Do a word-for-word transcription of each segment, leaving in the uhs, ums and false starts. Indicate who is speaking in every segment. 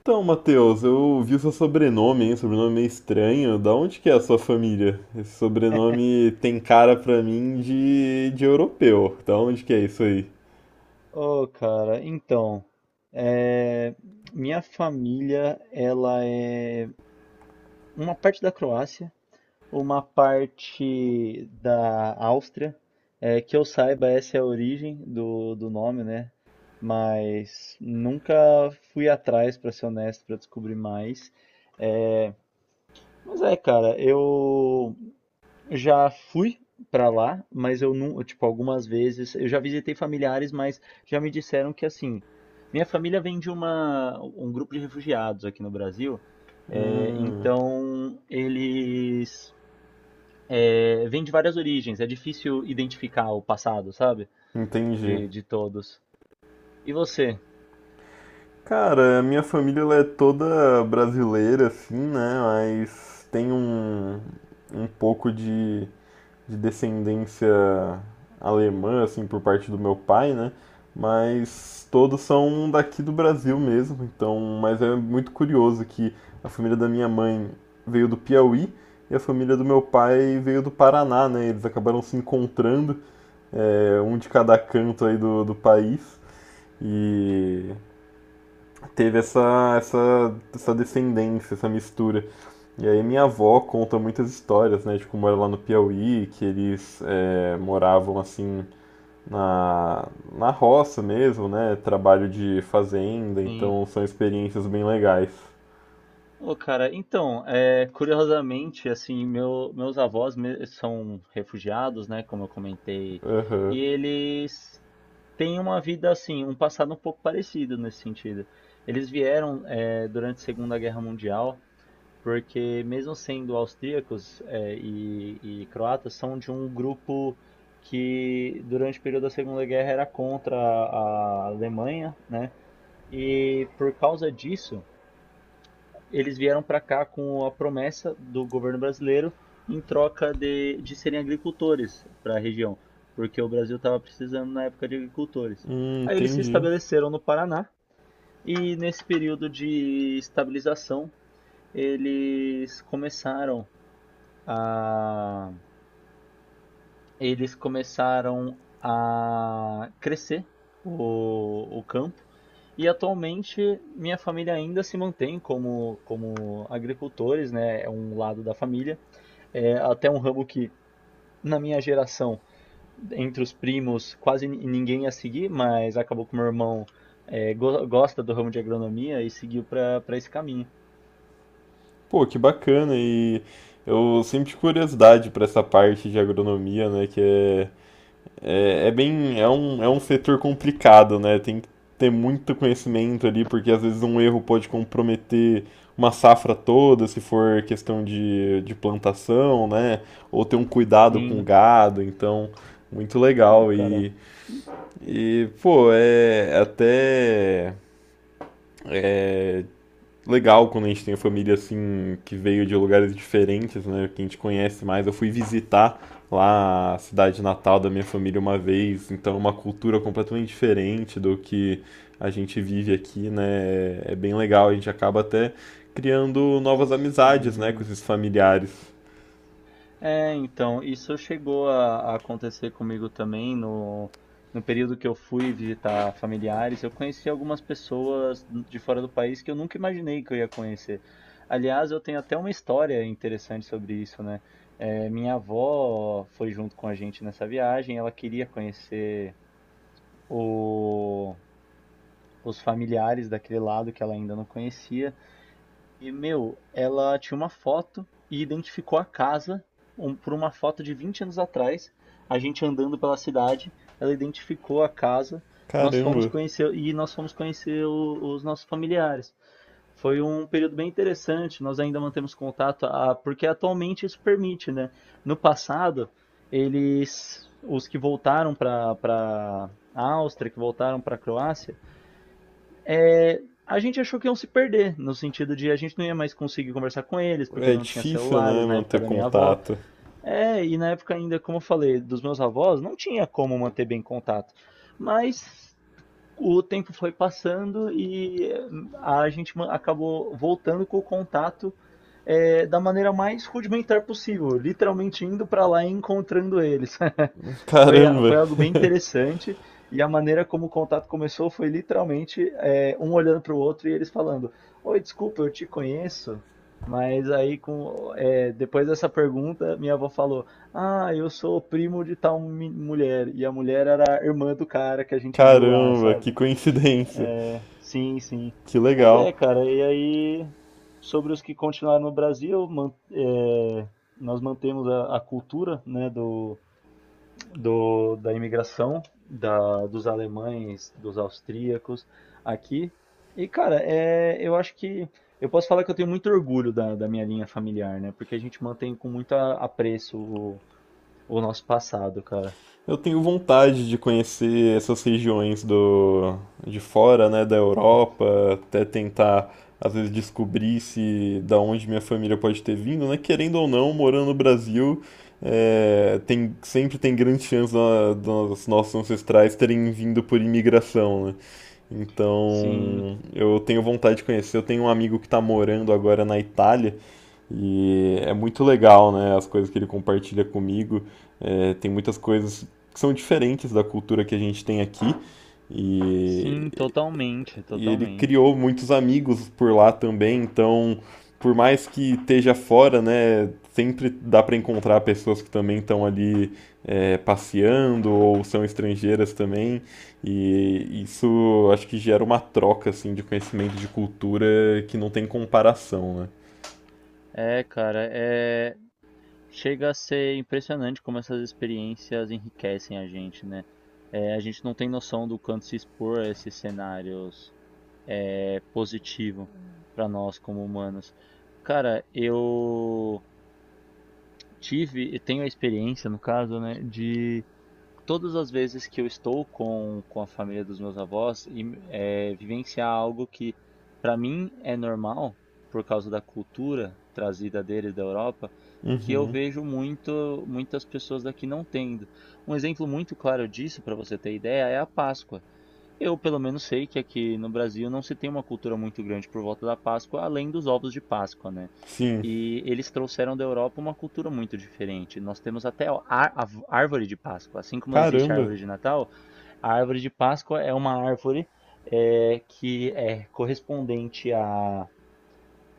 Speaker 1: Então, Matheus, eu vi o seu sobrenome, hein? Sobrenome meio estranho. Da onde que é a sua família? Esse sobrenome tem cara pra mim de, de europeu. Da onde que é isso aí?
Speaker 2: Oh, cara, então, é, minha família, ela é uma parte da Croácia, uma parte da Áustria, é, que eu saiba essa é a origem do, do nome, né? Mas nunca fui atrás, pra ser honesto, pra descobrir mais. Mas é, cara, eu Já fui pra lá, mas eu não, tipo, algumas vezes, eu já visitei familiares, mas já me disseram que assim, minha família vem de uma, um grupo de refugiados aqui no Brasil, é,
Speaker 1: Hum,
Speaker 2: então eles é, vêm de várias origens, é difícil identificar o passado, sabe?
Speaker 1: entendi.
Speaker 2: De, de todos. E você?
Speaker 1: Cara, a minha família ela é toda brasileira, assim, né? Mas tem um, um pouco de, de descendência alemã, assim, por parte do meu pai, né? Mas todos são daqui do Brasil mesmo, então, mas é muito curioso que a família da minha mãe veio do Piauí e a família do meu pai veio do Paraná, né? Eles acabaram se encontrando, é, um de cada canto aí do, do país. E teve essa, essa, essa descendência, essa mistura. E aí minha avó conta muitas histórias, né, de como era lá no Piauí, que eles eh, moravam assim na, na roça mesmo, né, trabalho de fazenda,
Speaker 2: Sim.
Speaker 1: então são experiências bem legais.
Speaker 2: Ô, cara, então, é, curiosamente, assim, meu, meus avós me- são refugiados, né, como eu comentei,
Speaker 1: Aham.
Speaker 2: e eles tem uma vida assim, um passado um pouco parecido nesse sentido. Eles vieram eh, durante a Segunda Guerra Mundial, porque mesmo sendo austríacos eh, e, e croatas, são de um grupo que durante o período da Segunda Guerra era contra a Alemanha, né? E por causa disso, eles vieram para cá com a promessa do governo brasileiro em troca de, de serem agricultores para a região, porque o Brasil estava precisando na época de agricultores.
Speaker 1: Hum,
Speaker 2: Aí eles se
Speaker 1: entendi.
Speaker 2: estabeleceram no Paraná e nesse período de estabilização eles começaram a eles começaram a crescer o, o campo. E atualmente minha família ainda se mantém como, como agricultores, né? É um lado da família. É até um ramo que, na minha geração, entre os primos, quase ni- ninguém ia seguir, mas acabou que meu irmão é, go- gosta do ramo de agronomia e seguiu para para esse caminho.
Speaker 1: Pô, que bacana, e eu sempre tive curiosidade pra essa parte de agronomia, né, que é É, é bem, é um, é um setor complicado, né? Tem que ter muito conhecimento ali, porque às vezes um erro pode comprometer uma safra toda, se for questão de, de plantação, né? Ou ter um cuidado com o
Speaker 2: Sim,
Speaker 1: gado, então, muito
Speaker 2: é,
Speaker 1: legal.
Speaker 2: cara.
Speaker 1: E, e pô, é até legal quando a gente tem família assim que veio de lugares diferentes, né? Que a gente conhece mais. Eu fui visitar lá a cidade natal da minha família uma vez, então é uma cultura completamente diferente do que a gente vive aqui, né? É bem legal, a gente acaba até criando novas amizades, né, com
Speaker 2: Hum.
Speaker 1: esses familiares.
Speaker 2: É, então, isso chegou a, a acontecer comigo também no, no período que eu fui visitar familiares. Eu conheci algumas pessoas de fora do país que eu nunca imaginei que eu ia conhecer. Aliás, eu tenho até uma história interessante sobre isso, né? É, minha avó foi junto com a gente nessa viagem. Ela queria conhecer o- os familiares daquele lado que ela ainda não conhecia. E, meu, ela tinha uma foto e identificou a casa um- por uma foto de vinte anos atrás. A gente andando pela cidade, ela identificou a casa, nós fomos
Speaker 1: Caramba,
Speaker 2: conhecer e nós fomos conhecer o- os nossos familiares. Foi um período bem interessante, nós ainda mantemos contato, ah, porque atualmente isso permite, né? No passado, eles, os que voltaram para a Áustria, que voltaram para a Croácia, a gente achou que iam se perder, no sentido de a gente não ia mais conseguir conversar com eles, porque
Speaker 1: é
Speaker 2: não tinha
Speaker 1: difícil, né,
Speaker 2: celulares na época
Speaker 1: manter
Speaker 2: da minha avó.
Speaker 1: contato.
Speaker 2: É, e na época ainda, como eu falei, dos meus avós, não tinha como manter bem contato. Mas o tempo foi passando e eh, a gente ma- acabou voltando com o contato é, da maneira mais rudimentar possível, literalmente indo pra lá e encontrando eles. Foi, a-
Speaker 1: Caramba,
Speaker 2: foi algo bem interessante e a maneira como o contato começou foi literalmente é, um olhando para o outro e eles falando: Oi, desculpa, eu te conheço. Mas aí, com, é, depois dessa pergunta, minha avó falou: Ah, eu sou primo de tal mi- mulher. E a mulher era a irmã do cara que a gente viu lá,
Speaker 1: caramba, que
Speaker 2: sabe?
Speaker 1: coincidência.
Speaker 2: Sim, sim.
Speaker 1: Que
Speaker 2: Mas
Speaker 1: legal.
Speaker 2: é, cara, e aí, sobre os que continuaram no Brasil, man- é, nós mantemos a, a cultura, né, do do, da imigração da, dos alemães, dos austríacos aqui. E, cara, é, eu acho que eu posso falar que eu tenho muito orgulho da, da minha linha familiar, né? Porque a gente mantém com muito a- apreço o, o nosso passado, cara.
Speaker 1: Eu tenho vontade de conhecer essas regiões do de fora, né, da Europa, até tentar às vezes descobrir se da onde minha família pode ter vindo, né? Querendo ou não, morando no Brasil, é, tem sempre tem grande chance da- dos nossos ancestrais terem vindo por imigração, né?
Speaker 2: Sim,
Speaker 1: Então, eu tenho vontade de conhecer. Eu tenho um amigo que está morando agora na Itália e é muito legal, né? As coisas que ele compartilha comigo. É, tem muitas coisas que são diferentes da cultura que a gente tem aqui.
Speaker 2: sim,
Speaker 1: E,
Speaker 2: totalmente,
Speaker 1: e ele
Speaker 2: totalmente.
Speaker 1: criou muitos amigos por lá também. Então, por mais que esteja fora, né? Sempre dá para encontrar pessoas que também estão ali é, passeando ou são estrangeiras também. E isso acho que gera uma troca assim, de conhecimento de cultura que não tem comparação, né?
Speaker 2: É, cara, é chega a ser impressionante como essas experiências enriquecem a gente, né? É, a gente não tem noção do quanto se expor a esses cenários é positivo para nós como humanos. Cara, eu tive e tenho a experiência, no caso, né, de todas as vezes que eu estou com, com a família dos meus avós e é, vivenciar algo que para mim é normal por causa da cultura trazida deles da Europa, que eu vejo muito muitas pessoas daqui não tendo. Um exemplo muito claro disso para você ter ideia é a Páscoa. Eu, pelo menos, sei que aqui no Brasil não se tem uma cultura muito grande por volta da Páscoa, além dos ovos de Páscoa, né?
Speaker 1: Sim,
Speaker 2: E eles trouxeram da Europa uma cultura muito diferente. Nós temos até a a árvore de Páscoa. Assim como existe a
Speaker 1: caramba!
Speaker 2: árvore de Natal, a árvore de Páscoa é uma árvore é, que é correspondente a.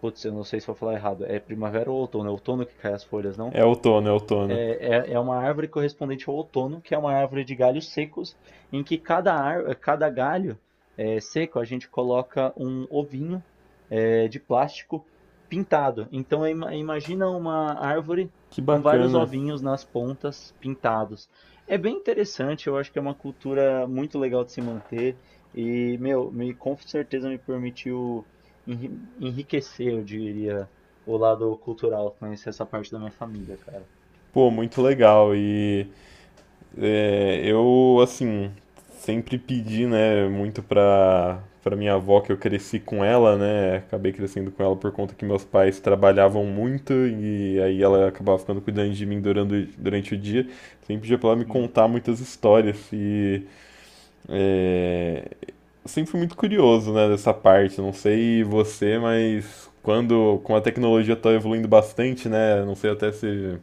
Speaker 2: Putz, eu não sei se vou falar errado. É primavera ou outono? É outono que cai as folhas, não?
Speaker 1: É outono, é outono.
Speaker 2: É, é é uma árvore correspondente ao outono, que é uma árvore de galhos secos, em que cada, ar, cada galho eh, seco a gente coloca um ovinho eh, de plástico pintado. Então imagina uma árvore
Speaker 1: Que
Speaker 2: com vários
Speaker 1: bacana.
Speaker 2: ovinhos nas pontas pintados. É bem interessante, eu acho que é uma cultura muito legal de se manter e, meu, me, com certeza me permitiu enriquecer, eu diria, o lado cultural, conhecer essa parte da minha família, cara.
Speaker 1: Pô, muito legal. E é, eu, assim, sempre pedi, né, muito pra, pra minha avó, que eu cresci com ela, né? Acabei crescendo com ela por conta que meus pais trabalhavam muito e aí ela acabava ficando cuidando de mim durante, durante o dia. Sempre pedia pra ela me
Speaker 2: Sim.
Speaker 1: contar muitas histórias. E é, eu sempre fui muito curioso, né, dessa parte. Não sei você, mas quando, como a tecnologia está evoluindo bastante, né, não sei até se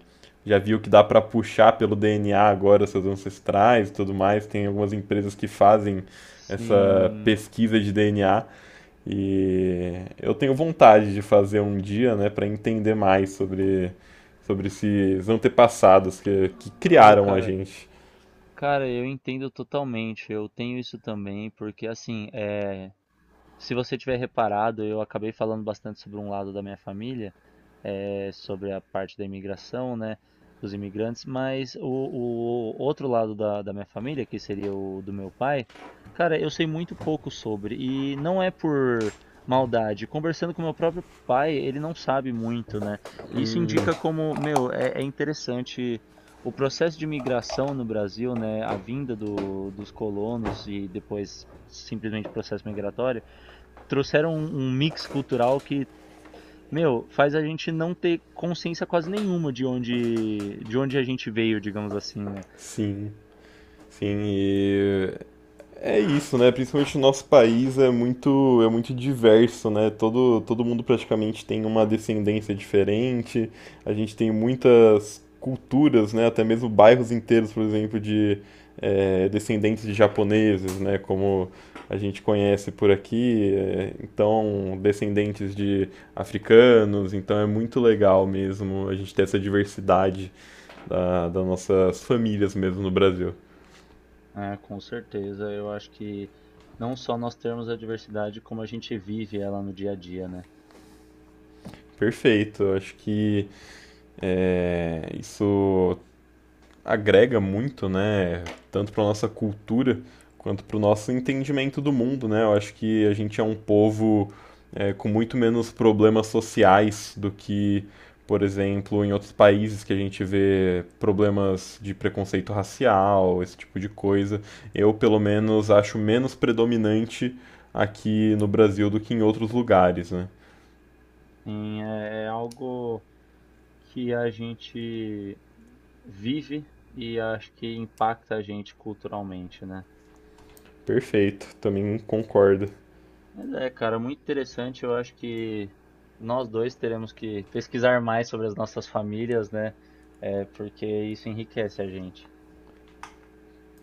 Speaker 1: já viu que dá para puxar pelo D N A agora seus ancestrais e tudo mais. Tem algumas empresas que fazem essa
Speaker 2: Sim.
Speaker 1: pesquisa de D N A e eu tenho vontade de fazer um dia, né, para entender mais sobre sobre esses antepassados que, que
Speaker 2: Não,
Speaker 1: criaram a
Speaker 2: cara.
Speaker 1: gente.
Speaker 2: Cara, eu entendo totalmente. Eu tenho isso também, porque assim, é, se você tiver reparado, eu acabei falando bastante sobre um lado da minha família. eh, sobre a parte da imigração, né, dos imigrantes, mas o, o outro lado da, da minha família, que seria o do meu pai, cara, eu sei muito pouco sobre, e não é por maldade. Conversando com meu próprio pai, ele não sabe muito, né? Isso indica como, meu, é, é interessante o processo de migração no Brasil, né, a vinda do, dos colonos e depois simplesmente processo migratório, trouxeram um, um mix cultural que meu, faz a gente não ter consciência quase nenhuma de onde, de onde a gente veio, digamos assim, né?
Speaker 1: Sim, sim, e é isso, né? Principalmente o nosso país é muito, é muito diverso, né? Todo, todo mundo praticamente tem uma descendência diferente. A gente tem muitas culturas, né? Até mesmo bairros inteiros, por exemplo, de eh, descendentes de japoneses, né? Como a gente conhece por aqui. Eh, então, descendentes de africanos. Então, é muito legal mesmo a gente ter essa diversidade da, das nossas famílias mesmo no Brasil.
Speaker 2: Ah, com certeza. Eu acho que não só nós temos a diversidade, como a gente vive ela no dia a dia, né?
Speaker 1: Perfeito. Eu acho que é, isso agrega muito, né? Tanto para nossa cultura quanto para o nosso entendimento do mundo, né? Eu acho que a gente é um povo é, com muito menos problemas sociais do que, por exemplo, em outros países que a gente vê problemas de preconceito racial, esse tipo de coisa. Eu, pelo menos, acho menos predominante aqui no Brasil do que em outros lugares, né?
Speaker 2: Sim, é é algo que a gente vive e acho que impacta a gente culturalmente, né?
Speaker 1: Perfeito, também concordo.
Speaker 2: Mas é, cara, muito interessante. Eu acho que nós dois teremos que pesquisar mais sobre as nossas famílias, né? É, porque isso enriquece a gente.